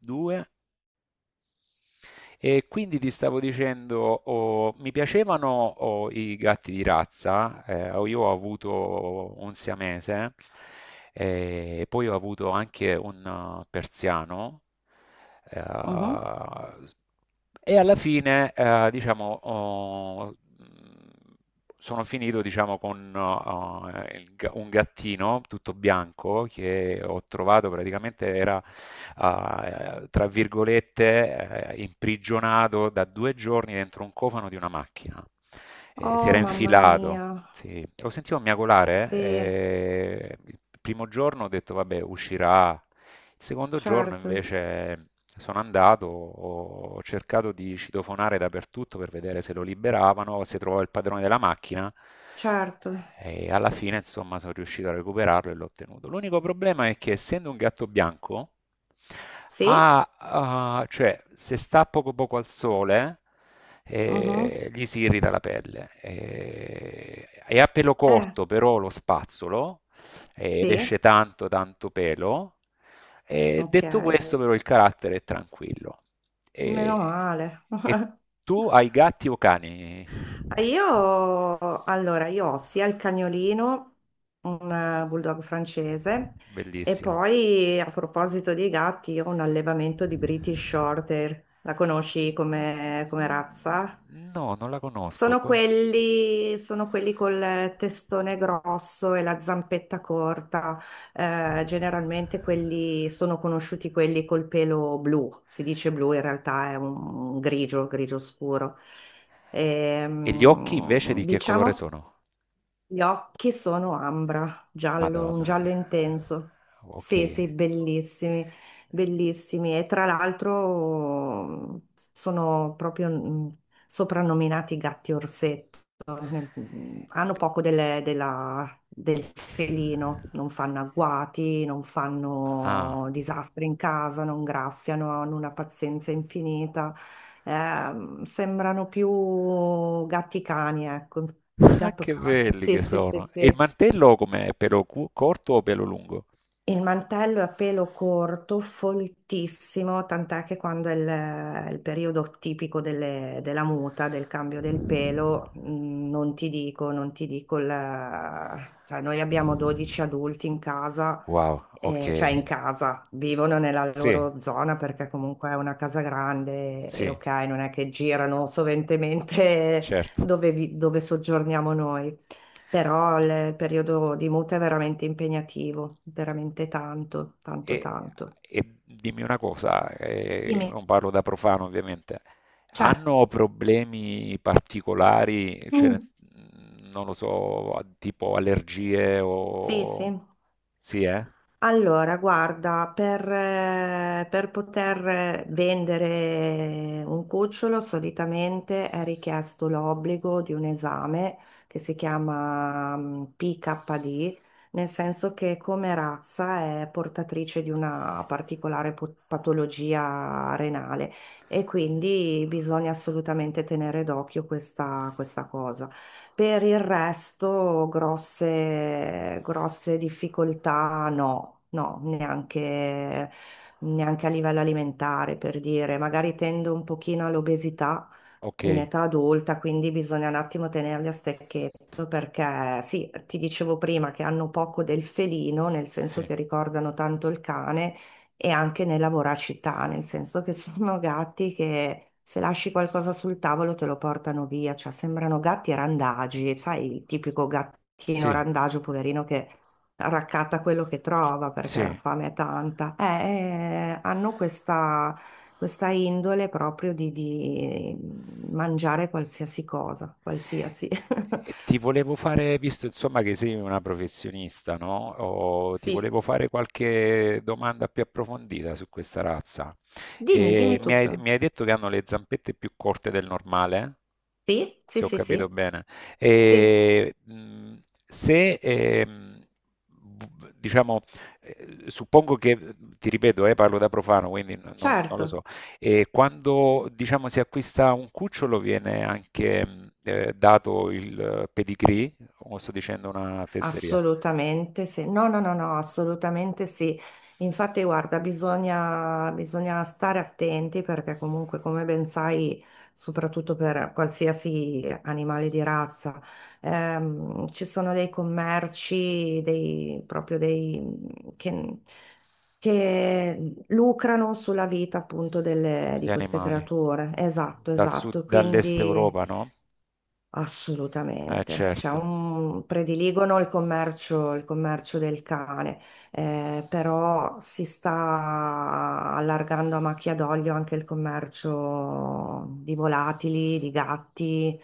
2. E quindi ti stavo dicendo, oh, mi piacevano, oh, i gatti di razza. Io ho avuto un siamese e poi ho avuto anche un persiano. eh, Mhm. e alla fine, diciamo, sono finito, diciamo, con un gattino tutto bianco che ho trovato praticamente era, tra virgolette, imprigionato da due giorni dentro un cofano di una macchina. Si Oh, era mamma infilato, mia. sì, lo sentivo miagolare. Sì, Il primo giorno ho detto, vabbè, uscirà. Il secondo giorno certo, invece sono andato, ho cercato di citofonare dappertutto per vedere se lo liberavano, se trovavo il padrone della macchina. certo. E alla fine, insomma, sono riuscito a recuperarlo e l'ho ottenuto. L'unico problema è che, essendo un gatto bianco, Sì? Cioè, se sta poco poco al sole, Mhm. e gli si irrita la pelle. E a pelo Eh, corto, però lo spazzolo ed sì. esce tanto tanto pelo. E Ok. detto questo però il carattere è tranquillo. Meno E, male. e tu hai gatti o cani? Ah, io, allora, io ho sia il cagnolino, un bulldog francese, e Bellissimo. poi a proposito dei gatti, io ho un allevamento di British Shorthair. La conosci come razza? No, non la conosco. Sono quelli, sono quelli col testone grosso e la zampetta corta. Generalmente quelli sono conosciuti quelli col pelo blu, si dice blu, in realtà è un grigio, grigio scuro. E gli occhi invece di che colore Diciamo che sono? gli occhi sono ambra, giallo, un Madonna giallo mia. intenso. Ok. Sì, sì, bellissimi, bellissimi. E tra l'altro sono proprio soprannominati gatti orsetti, nel- hanno poco del felino, non fanno agguati, non Ah. fanno disastri in casa, non graffiano, hanno una pazienza infinita. Sembrano più gatti cani, ecco, Ah, gatto che cane. belli Sì, che sì, sì, sono. E il sì. mantello com'è? Corto o pelo lungo? Il mantello è a pelo corto, foltissimo, tant'è che quando è il periodo tipico della muta, del cambio del pelo, non ti dico, non ti dico, cioè noi abbiamo 12 adulti in casa, Wow, ok. Cioè in casa, vivono nella Sì, loro zona perché comunque è una casa grande e sì, ok, non è che girano soventemente certo. dove, dove soggiorniamo noi, però il periodo di muta è veramente impegnativo, veramente tanto, tanto, E, tanto. e dimmi una cosa, Dimmi, non parlo da profano ovviamente. certo. Hanno problemi particolari? Cioè, Mm. non lo so, tipo allergie Sì, sì. o... Sì, eh? Allora, guarda, per poter vendere un cucciolo solitamente è richiesto l'obbligo di un esame che si chiama PKD, nel senso che come razza è portatrice di una particolare patologia renale e quindi bisogna assolutamente tenere d'occhio questa cosa. Per il resto, grosse, grosse difficoltà no, no, neanche, neanche a livello alimentare, per dire. Magari tendo un pochino all'obesità Ok, in età adulta, quindi bisogna un attimo tenerli a stecchetto perché sì, ti dicevo prima che hanno poco del felino, nel senso sì, che ricordano tanto il cane e anche nella voracità, nel senso che sono gatti che se lasci qualcosa sul tavolo te lo portano via, cioè sembrano gatti randagi, sai, il tipico gattino sì, randagio, poverino, che raccatta quello che c- trova perché la sì. fame è tanta. Hanno questa, questa indole proprio di mangiare qualsiasi cosa, qualsiasi. E ti volevo fare, visto insomma che sei una professionista, no? O ti Sì, volevo fare qualche domanda più approfondita su questa razza. dimmi, E dimmi tutto. mi hai detto che hanno le zampette più corte del normale, Sì, sì, se ho sì, capito sì, bene. sì, E, mh, Se, diciamo, suppongo che, ti ripeto, parlo da profano, quindi non lo certo. so, e quando, diciamo, si acquista un cucciolo viene anche, dato il, pedigree, o sto dicendo una fesseria? Assolutamente sì, no, no, no, no, assolutamente sì. Infatti, guarda, bisogna stare attenti perché comunque, come ben sai, soprattutto per qualsiasi animale di razza, ci sono dei commerci, dei, proprio dei, che, che lucrano sulla vita appunto Gli di queste animali creature. Esatto, dal sud, esatto. dall'est Europa, Quindi... no? Assolutamente, cioè, Certo, prediligono il commercio del cane, però si sta allargando a macchia d'olio anche il commercio di volatili, di gatti,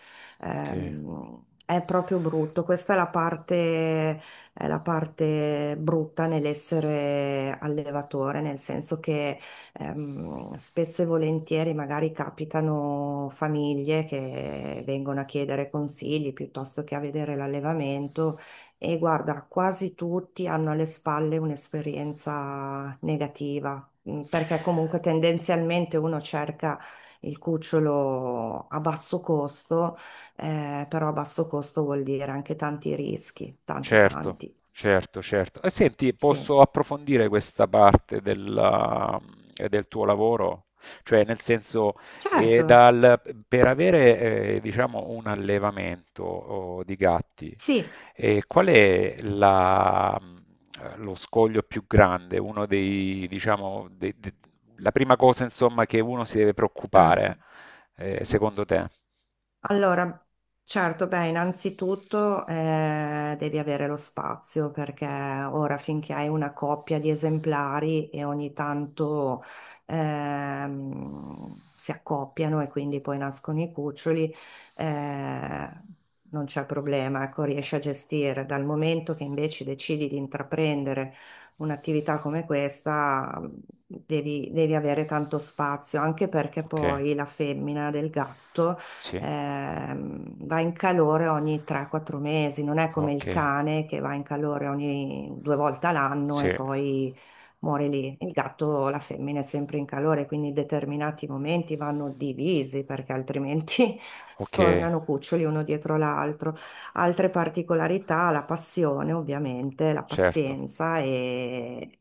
ok. È proprio brutto. Questa è la parte brutta nell'essere allevatore, nel senso che spesso e volentieri magari capitano famiglie che vengono a chiedere consigli piuttosto che a vedere l'allevamento e guarda, quasi tutti hanno alle spalle un'esperienza negativa, perché comunque tendenzialmente uno cerca il cucciolo a basso costo, però a basso costo vuol dire anche tanti rischi, tanti Certo, tanti. certo, certo. E senti, Sì, posso approfondire del tuo lavoro? Cioè, nel senso, eh, certo, dal- per avere, diciamo, un allevamento, oh, di gatti, sì, eh, qual è la- lo scoglio più grande? Uno dei, diciamo, dei- de- la prima cosa, insomma, che uno si deve preoccupare, certo. Secondo te? Allora, certo, beh, innanzitutto devi avere lo spazio perché ora finché hai una coppia di esemplari e ogni tanto si accoppiano e quindi poi nascono i cuccioli, eh, non c'è problema, ecco, riesci a gestire. Dal momento che invece decidi di intraprendere un'attività come questa, devi avere tanto spazio, anche perché Ok, poi la femmina del gatto sì. Va in calore ogni 3-4 mesi, non è come il Okay, cane che va in calore ogni due volte all'anno sì, e poi muore lì. Il gatto, la femmina è sempre in calore, quindi determinati momenti vanno divisi perché altrimenti okay. sfornano cuccioli uno dietro l'altro. Altre particolarità, la passione ovviamente, la Certo, pazienza e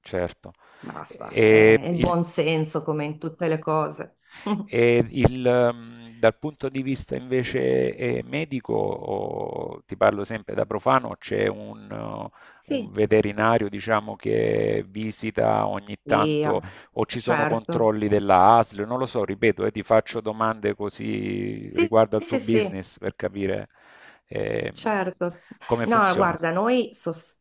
certo. basta, è E il il buon senso come in tutte le cose. E il, Dal punto di vista invece, medico, o ti parlo sempre da profano, c'è un un Sì, veterinario, diciamo, che visita ogni sì, tanto, ah, o ci sono certo. controlli della ASL? Non lo so, ripeto, ti faccio domande così Sì, riguardo al tuo sì, sì, business per capire, ehm, certo. come No, funziona. guarda, noi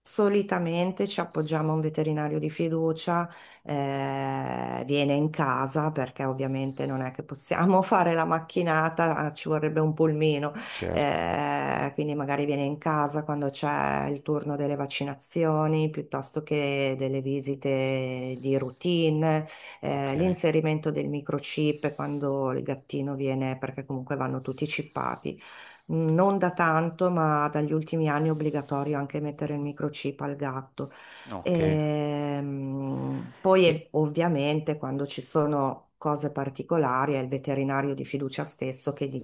solitamente ci appoggiamo a un veterinario di fiducia, viene in casa perché ovviamente non è che possiamo fare la macchinata, ah, ci vorrebbe un pulmino, Certo, quindi magari viene in casa quando c'è il turno delle vaccinazioni piuttosto che delle visite di routine, okay, l'inserimento del microchip quando il gattino viene, perché comunque vanno tutti chippati non da tanto, ma dagli ultimi anni è obbligatorio anche mettere il microchip al gatto. okay. Poi E ovviamente quando ci sono cose particolari è il veterinario di fiducia stesso che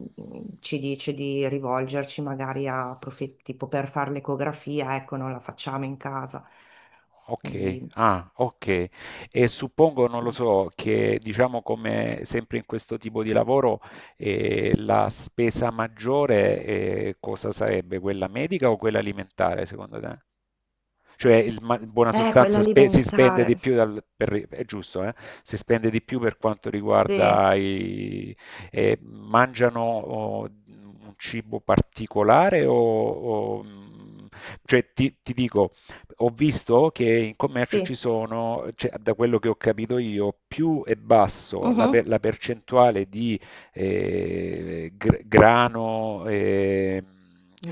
ci dice di rivolgerci magari a tipo per fare l'ecografia, ecco, non la facciamo in casa. ok, Quindi ah, ok. E suppongo, non lo sì. so, che, diciamo, come sempre in questo tipo di lavoro la spesa maggiore cosa sarebbe? Quella medica o quella alimentare, secondo te? Cioè, in buona sostanza, si spende di Quell'alimentare. più, è giusto, eh? Si spende di più per quanto Sì, riguarda i... mangiano, oh, un cibo particolare o... o, mm, cioè, ti dico, ho visto che in commercio ci sì. sono, cioè, da quello che ho capito io, più è basso la per- Mhm. la percentuale di grano,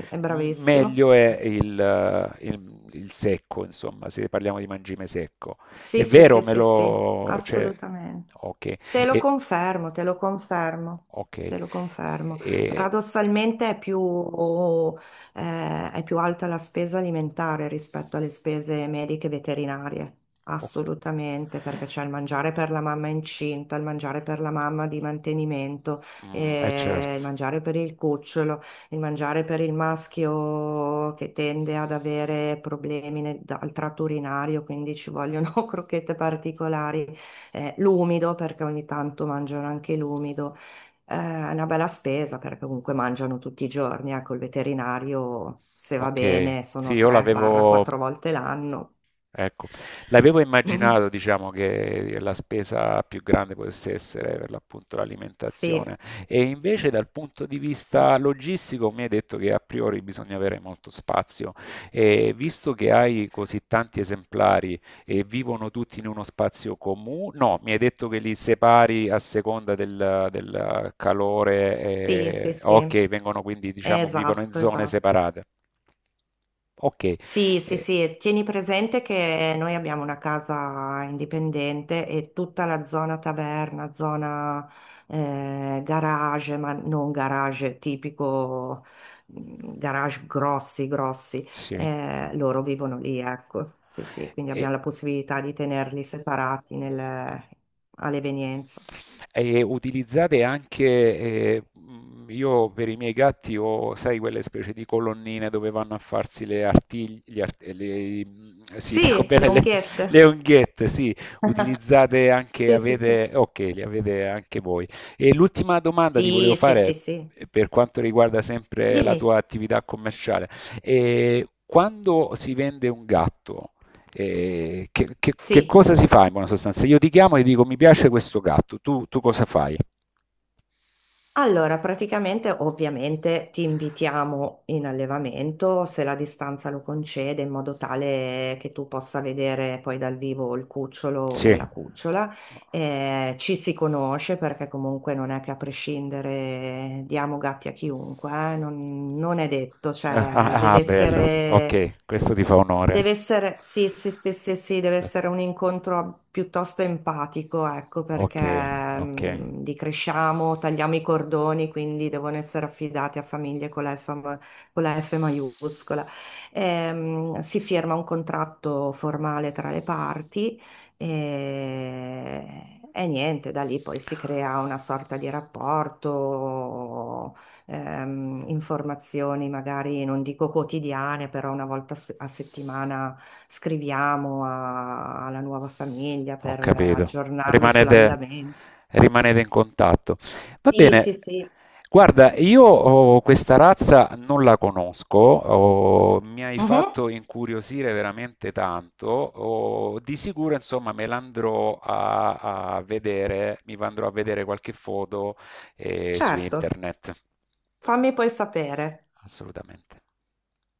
È bravissimo. meglio è il secco, insomma, se parliamo di mangime secco. È Sì, sì, vero, sì, me sì, sì, lo... cioè, assolutamente. ok, Te lo e- confermo, te lo confermo, ok, te lo confermo. e- Paradossalmente è più alta la spesa alimentare rispetto alle spese mediche e veterinarie, ok. assolutamente, perché c'è il mangiare per la mamma incinta, il mangiare per la mamma di mantenimento, Certo, il mangiare per il cucciolo, il mangiare per il maschio che tende ad avere problemi al tratto urinario, quindi ci vogliono crocchette particolari, l'umido, perché ogni tanto mangiano anche l'umido. È una bella spesa perché comunque mangiano tutti i giorni, ecco, il veterinario, se va ok. bene, Sì, sono io l'avevo... 3-4 volte l'anno. Ecco, l'avevo immaginato, diciamo, che la spesa più grande potesse essere per l'appunto Sì, l'alimentazione, e invece dal punto di sì, vista sì, logistico mi hai detto che a priori bisogna avere molto spazio, e visto che hai così tanti esemplari e vivono tutti in uno spazio comune, no, mi hai detto che li separi a seconda del, del calore, sì, sì, e... sì. ok, vengono quindi, diciamo, vivono in Esatto, zone esatto. separate. Ok, Sì, sì, eh, sì, tieni presente che noi abbiamo una casa indipendente e tutta la zona taverna, zona garage, ma non garage tipico, garage grossi, grossi, sì. Loro vivono lì, ecco. Sì, sì, quindi E, abbiamo la possibilità di tenerli separati all'evenienza. e utilizzate anche, io per i miei gatti ho, sai, quelle specie di colonnine dove vanno a farsi le artigli, gli art- le- sì, dico Sì, le bene, le, unghiette. le unghiette, sì, Sì, sì, sì. avete, ok, li avete anche voi. E l'ultima domanda ti volevo Sì, sì, sì, fare, sì. Per quanto riguarda sempre la Dimmi, tua attività commerciale. E quando si vende un gatto, che sì. cosa si fa in buona sostanza? Io ti chiamo e ti dico mi piace questo gatto, tu cosa fai? Allora, praticamente ovviamente ti invitiamo in allevamento se la distanza lo concede, in modo tale che tu possa vedere poi dal vivo il cucciolo o Sì. la cucciola. Ci si conosce perché comunque non è che a prescindere diamo gatti a chiunque, non, non è detto, Ah, cioè ah, deve ah, bello, essere. ok, questo ti fa onore. Deve essere, sì, sì, sì, sì, sì, deve essere un incontro piuttosto empatico, ecco, perché Ok, ok. Li cresciamo, tagliamo i cordoni, quindi devono essere affidati a famiglie con la F, con la F maiuscola. Si firma un contratto formale tra le parti e niente, da lì poi si crea una sorta di rapporto, informazioni, magari non dico quotidiane, però una volta a settimana scriviamo alla nuova famiglia Ho per capito. aggiornarli Rimanete, sull'andamento. rimanete in contatto. Va Sì, bene. sì, sì. Guarda, io, oh, questa razza non la conosco. Oh, mi hai Mhm, fatto incuriosire veramente tanto. Oh, di sicuro, insomma, me l'andrò a, a vedere, mi andrò a vedere qualche foto su certo, internet. fammi poi sapere. Assolutamente.